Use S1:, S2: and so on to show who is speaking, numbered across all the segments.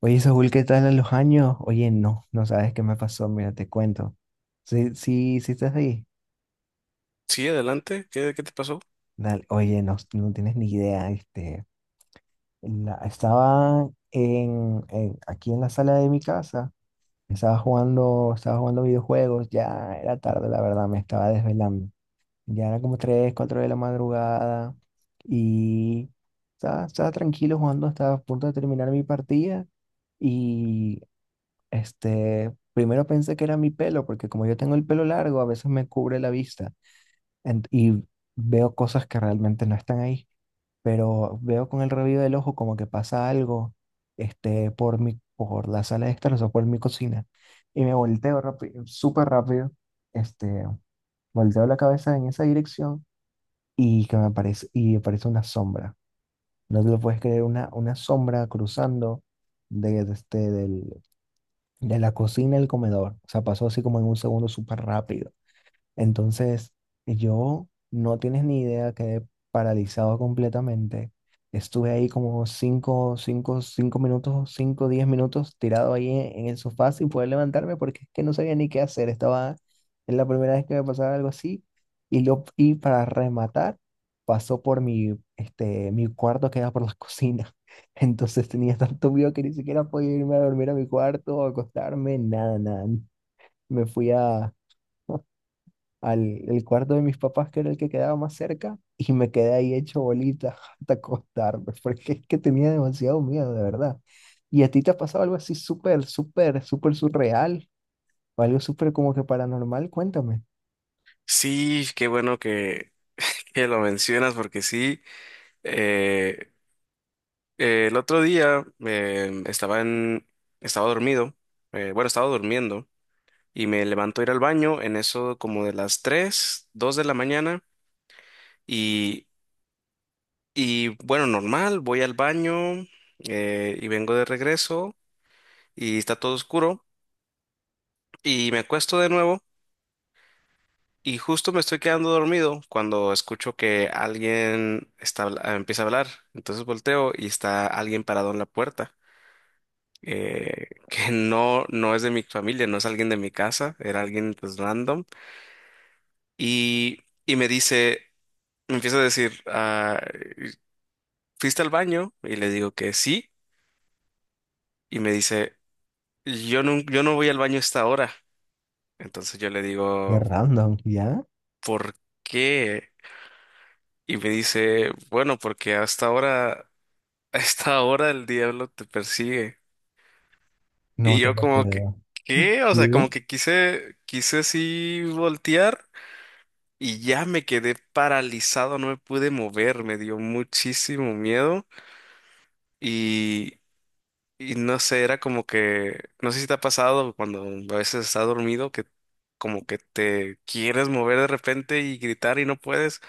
S1: Oye, Saúl, ¿qué tal a los años? Oye, no, no sabes qué me pasó, mira, te cuento. Sí, sí, sí estás ahí.
S2: Sí, adelante. ¿Qué te pasó?
S1: Dale, oye, no, no tienes ni idea, estaba aquí en la sala de mi casa, estaba jugando videojuegos, ya era tarde, la verdad, me estaba desvelando. Ya era como 3, 4 de la madrugada y estaba tranquilo jugando, estaba a punto de terminar mi partida y primero pensé que era mi pelo, porque como yo tengo el pelo largo, a veces me cubre la vista y veo cosas que realmente no están ahí, pero veo con el rabillo del ojo como que pasa algo, por la sala de estar, o sea, por mi cocina, y me volteo rápido, súper rápido, este, volteo la cabeza en esa dirección y aparece una sombra. No te lo puedes creer, una sombra cruzando de, de este, del, de la cocina al comedor. O sea, pasó así como en un segundo súper rápido. Entonces, yo no tienes ni idea, quedé paralizado completamente. Estuve ahí como 5 10 minutos tirado ahí en el sofá sin poder levantarme porque es que no sabía ni qué hacer. Es la primera vez que me pasaba algo así. Y para rematar, pasó por mi cuarto que era por la cocina. Entonces tenía tanto miedo que ni siquiera podía irme a dormir a mi cuarto o acostarme, nada, nada. Me fui a... al el cuarto de mis papás, que era el que quedaba más cerca, y me quedé ahí hecho bolita hasta acostarme, porque es que tenía demasiado miedo, de verdad. ¿Y a ti te ha pasado algo así súper, súper, súper surreal? ¿O algo súper como que paranormal? Cuéntame.
S2: Sí, qué bueno que lo mencionas porque sí, eh, el otro día estaba dormido, bueno, estaba durmiendo y me levanto a ir al baño en eso como de las 3, 2 de la mañana y, y bueno, normal, voy al baño, y vengo de regreso y está todo oscuro y me acuesto de nuevo. Y justo me estoy quedando dormido cuando escucho que alguien está, habla- ah, empieza a hablar. Entonces volteo y está alguien parado en la puerta. Que no, no es de mi familia, no es alguien de mi casa, era alguien pues random. Y, y me dice, me empieza a decir, ah, ¿fuiste al baño? Y le digo que sí. Y me dice, yo no, yo no voy al baño a esta hora. Entonces yo le
S1: Qué
S2: digo,
S1: random, ¿ya?
S2: ¿por qué? Y me dice, bueno, porque hasta ahora. A esta hora el diablo te persigue.
S1: No
S2: Y
S1: te
S2: yo
S1: lo
S2: como que,
S1: creo.
S2: ¿qué? O sea,
S1: Sí.
S2: como que quise así voltear y ya me quedé paralizado, no me pude mover, me dio muchísimo miedo y, y no sé, era como que, no sé si te ha pasado cuando a veces estás dormido que como que te quieres mover de repente y gritar y no puedes.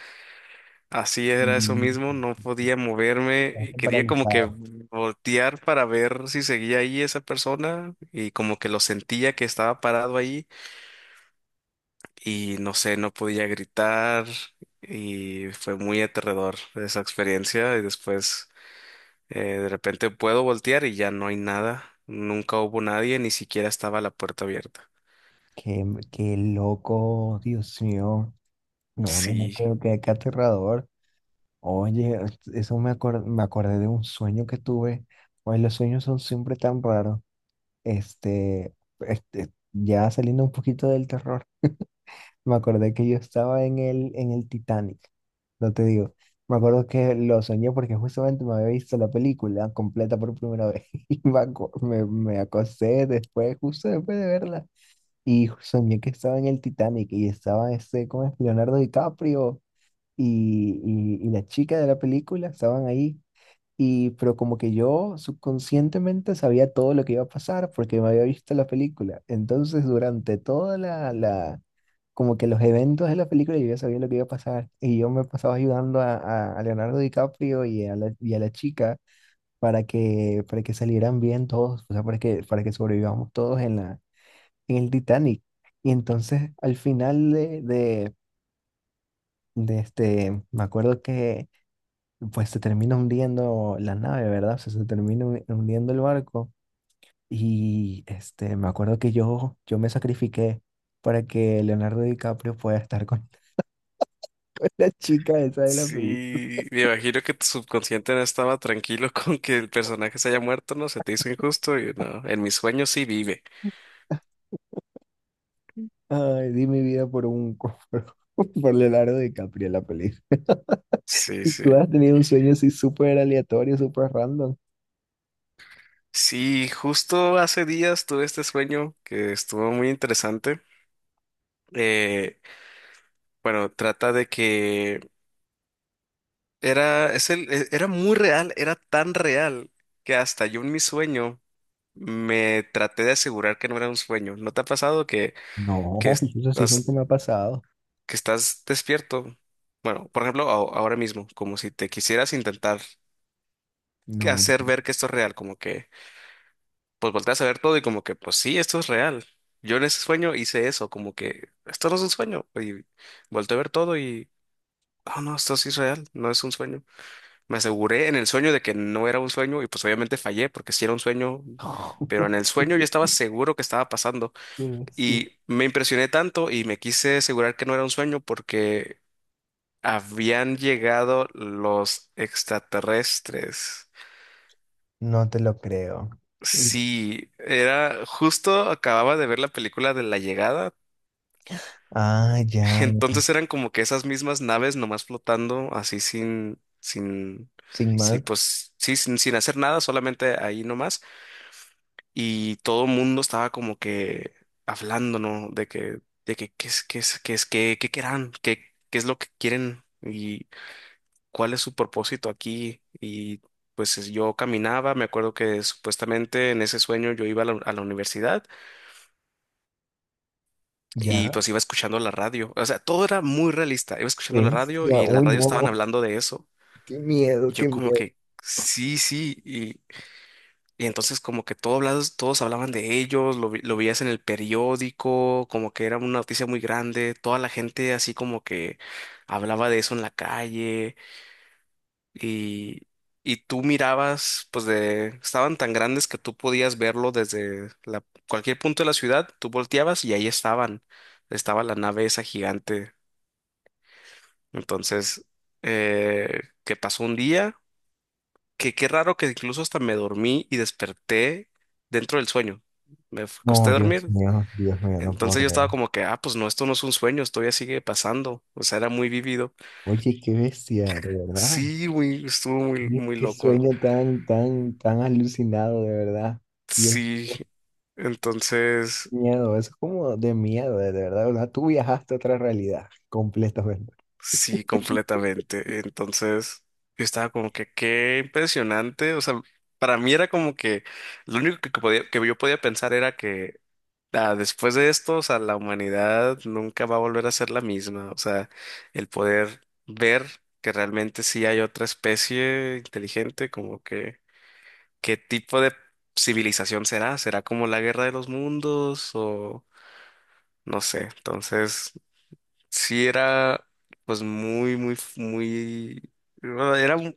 S2: Así era eso
S1: Mm,
S2: mismo, no podía moverme y
S1: estás
S2: quería como que
S1: paralizado.
S2: voltear para ver si seguía ahí esa persona y como que lo sentía que estaba parado ahí y no sé, no podía gritar y fue muy aterrador esa experiencia. Y después, de repente puedo voltear y ya no hay nada, nunca hubo nadie, ni siquiera estaba la puerta abierta.
S1: Qué, qué loco, Dios mío. No, no, no
S2: Sí.
S1: creo que qué aterrador. Oye, me acordé de un sueño que tuve. Oye, los sueños son siempre tan raros. Este, ya saliendo un poquito del terror, me acordé que yo estaba en el Titanic. No te digo. Me acuerdo que lo soñé porque justamente me había visto la película completa por primera vez. Y me acosté después, justo después de verla. Y soñé que estaba en el Titanic y estaba ese, ¿cómo es? Leonardo DiCaprio y la chica de la película estaban ahí. Y, pero como que yo subconscientemente sabía todo lo que iba a pasar porque me había visto la película. Entonces, durante como que los eventos de la película, yo ya sabía lo que iba a pasar. Y yo me pasaba ayudando a Leonardo DiCaprio y y a la chica para que salieran bien todos, o sea, para que sobrevivamos todos en en el Titanic. Y entonces, al final, me acuerdo que pues se termina hundiendo la nave, ¿verdad? O sea, se termina hundiendo el barco. Y este, me acuerdo que yo me sacrifiqué para que Leonardo DiCaprio pueda estar con, con la chica esa de la película.
S2: Sí, me imagino que tu subconsciente no estaba tranquilo con que el personaje se haya muerto, ¿no? Se te hizo injusto y no, en mis sueños sí vive.
S1: Ay, di mi vida por un, por Leonardo DiCaprio en la película.
S2: Sí,
S1: ¿Tú has
S2: sí.
S1: tenido un sueño así súper aleatorio, súper random?
S2: Sí, justo hace días tuve este sueño que estuvo muy interesante. Eh, bueno, trata de que era, es el, e- era muy real, era tan real que hasta yo en mi sueño me traté de asegurar que no era un sueño. ¿No te ha pasado
S1: No,
S2: que
S1: eso sí nunca
S2: estás
S1: me ha pasado.
S2: que estás despierto? Bueno, por ejemplo, ahora mismo, como si te quisieras intentar que
S1: No.
S2: hacer ver que esto es real, como que pues volteas a ver todo y como que pues sí, esto es real. Yo en ese sueño hice eso, como que esto no es un sueño. Y volteé a ver todo y, oh no, esto sí es real, no es un sueño. Me aseguré en el sueño de que no era un sueño y pues obviamente fallé porque sí era un sueño, pero en el sueño yo estaba seguro que estaba pasando.
S1: Sí.
S2: Y me impresioné tanto y me quise asegurar que no era un sueño porque habían llegado los extraterrestres.
S1: No te lo creo. Y-
S2: Sí, era justo acababa de ver la película de La Llegada,
S1: Ah, ya.
S2: entonces eran como que esas mismas naves nomás flotando así sin, sin,
S1: Sin
S2: sí,
S1: más.
S2: pues sí, sin, sin hacer nada, solamente ahí nomás y todo el mundo estaba como que hablando, ¿no? Qué es, qué es, qué es, qué, qué querrán, qué, qué es lo que quieren y cuál es su propósito aquí. Y pues yo caminaba, me acuerdo que supuestamente en ese sueño yo iba a la universidad y
S1: Ya,
S2: pues iba escuchando la radio. O sea, todo era muy realista. Iba escuchando la radio
S1: bestia,
S2: y en la
S1: uy,
S2: radio estaban
S1: no,
S2: hablando de eso.
S1: qué miedo,
S2: Y
S1: qué
S2: yo como
S1: miedo.
S2: que, sí, sí. Y entonces como que todos hablados, todos hablaban de ellos, lo veías en el periódico, como que era una noticia muy grande. Toda la gente así como que hablaba de eso en la calle. Y, y tú mirabas, pues de, estaban tan grandes que tú podías verlo desde la, cualquier punto de la ciudad, tú volteabas y ahí estaban, estaba la nave esa gigante. Entonces, que pasó un día, que qué raro que incluso hasta me dormí y desperté dentro del sueño. Costé
S1: No,
S2: dormir.
S1: Dios mío, no
S2: Entonces
S1: puedo
S2: yo estaba
S1: creer.
S2: como que, ah, pues no, esto no es un sueño, esto ya sigue pasando. O sea, era muy vivido.
S1: Oye, qué bestia, de verdad.
S2: Sí, muy, estuvo muy,
S1: Oye,
S2: muy
S1: qué
S2: loco.
S1: sueño tan, tan, tan alucinado, de verdad. Dios,
S2: Sí, entonces,
S1: qué miedo, eso es como de miedo, de verdad, de verdad. Tú viajaste a otra realidad completamente.
S2: sí, completamente. Entonces, yo estaba como que qué impresionante. O sea, para mí era como que lo único que podía, que yo podía pensar era que ah, después de esto, o sea, la humanidad nunca va a volver a ser la misma. O sea, el poder ver que realmente sí hay otra especie inteligente, como que qué tipo de civilización será. ¿Será como la guerra de los mundos o no sé? Entonces, sí era pues muy, muy, muy, bueno,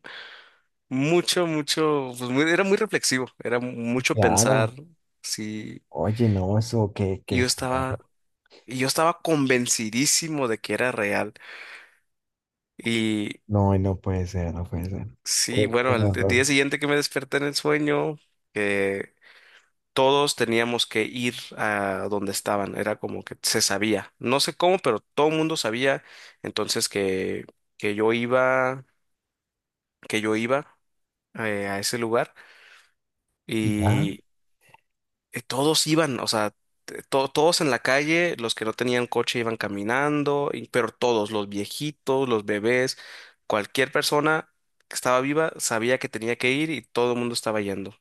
S2: mucho, mucho, pues era muy reflexivo, era mucho pensar,
S1: Claro.
S2: sí,
S1: Oye, no, eso, qué,
S2: y
S1: qué
S2: yo
S1: feo.
S2: estaba, y yo estaba convencidísimo de que era real. Y
S1: No, no puede ser, no puede ser. Qué,
S2: sí, bueno,
S1: qué
S2: al
S1: horror.
S2: día siguiente que me desperté en el sueño, que todos teníamos que ir a donde estaban, era como que se sabía, no sé cómo, pero todo el mundo sabía, entonces que, que yo iba, que yo iba, a ese lugar
S1: ¿Ya?
S2: y todos iban, o sea, todos en la calle, los que no tenían coche iban caminando, pero todos, los viejitos, los bebés, cualquier persona que estaba viva sabía que tenía que ir y todo el mundo estaba yendo.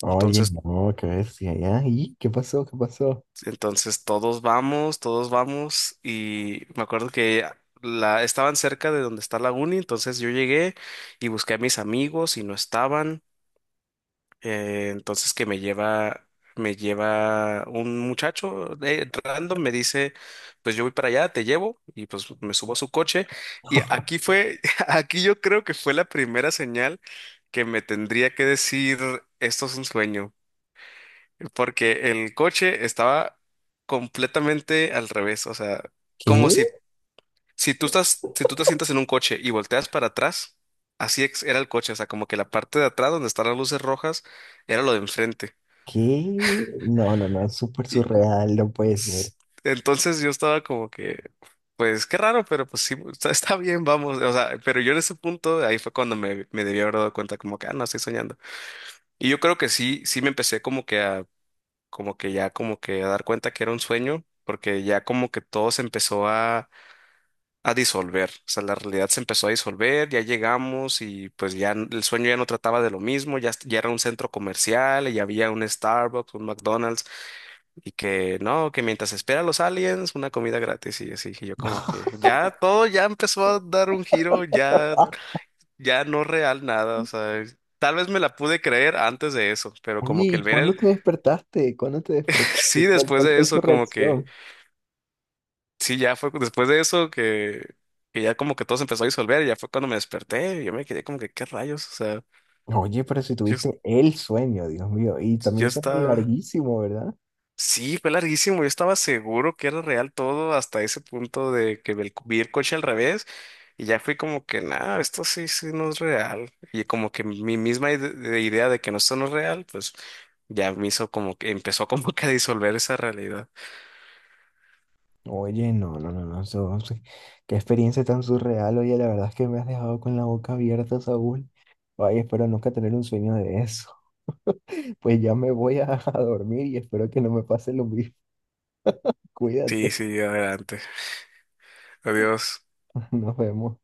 S1: Oye,
S2: Entonces,
S1: no, qué bestia, ¿ya? ¿Y qué pasó? ¿Qué pasó?
S2: entonces todos vamos y me acuerdo que la estaban cerca de donde está la uni, entonces yo llegué y busqué a mis amigos y no estaban. Entonces me lleva un muchacho, random, me dice, pues yo voy para allá, te llevo, y pues me subo a su coche. Y aquí fue, aquí yo creo que fue la primera señal que me tendría que decir, esto es un sueño, porque el coche estaba completamente al revés, o sea,
S1: ¿Qué?
S2: como si, si tú te sientas en un coche y volteas para atrás, así era el coche, o sea, como que la parte de atrás donde están las luces rojas era lo de enfrente.
S1: ¿Qué? No, no, no, es súper
S2: Y
S1: surreal, no puede ser.
S2: s- entonces yo estaba como que, pues qué raro, pero pues sí, está bien, vamos. O sea, pero yo en ese punto, ahí fue cuando me debí haber dado cuenta como que, ah, no, estoy soñando. Y yo creo que sí, sí me empecé como que a, como que ya como que a dar cuenta que era un sueño, porque ya como que todo se empezó a disolver. O sea, la realidad se empezó a disolver, ya llegamos y pues ya el sueño ya no trataba de lo mismo, ya, ya era un centro comercial, y ya había un Starbucks, un McDonald's. Y que no, que mientras espera a los aliens, una comida gratis y así. Y yo como que ya todo ya empezó a dar un giro, ya, ya no real nada. O sea, tal vez me la pude creer antes de eso, pero
S1: Oye,
S2: como que
S1: ¿y
S2: el ver
S1: cuándo
S2: el,
S1: te despertaste? ¿Cuándo te
S2: sí,
S1: despertaste?
S2: después
S1: ¿Cuál
S2: de
S1: fue tu
S2: eso, como que,
S1: reacción?
S2: sí, ya fue después de eso que ya como que todo se empezó a disolver y ya fue cuando me desperté. Y yo me quedé como que, ¿qué rayos? O sea,
S1: Oye, pero si
S2: yo,
S1: tuviste el sueño, Dios mío, y también
S2: yo
S1: un sueño
S2: estaba,
S1: larguísimo, ¿verdad?
S2: sí, fue larguísimo. Yo estaba seguro que era real todo hasta ese punto de que vi el coche al revés y ya fui como que, nada, esto sí, sí no es real. Y como que mi misma ide- de idea de que no, esto no es real, pues ya me hizo como que empezó como que a disolver esa realidad.
S1: Oye, no, no, no, no, eso- sí, qué experiencia tan surreal, oye, la verdad es que me has dejado con la boca abierta, Saúl. Ay, espero nunca tener un sueño de eso. Pues ya me voy a, a dormir y espero que no me pase lo mismo.
S2: Sí,
S1: Cuídate,
S2: sí, adelante. Adiós.
S1: nos vemos.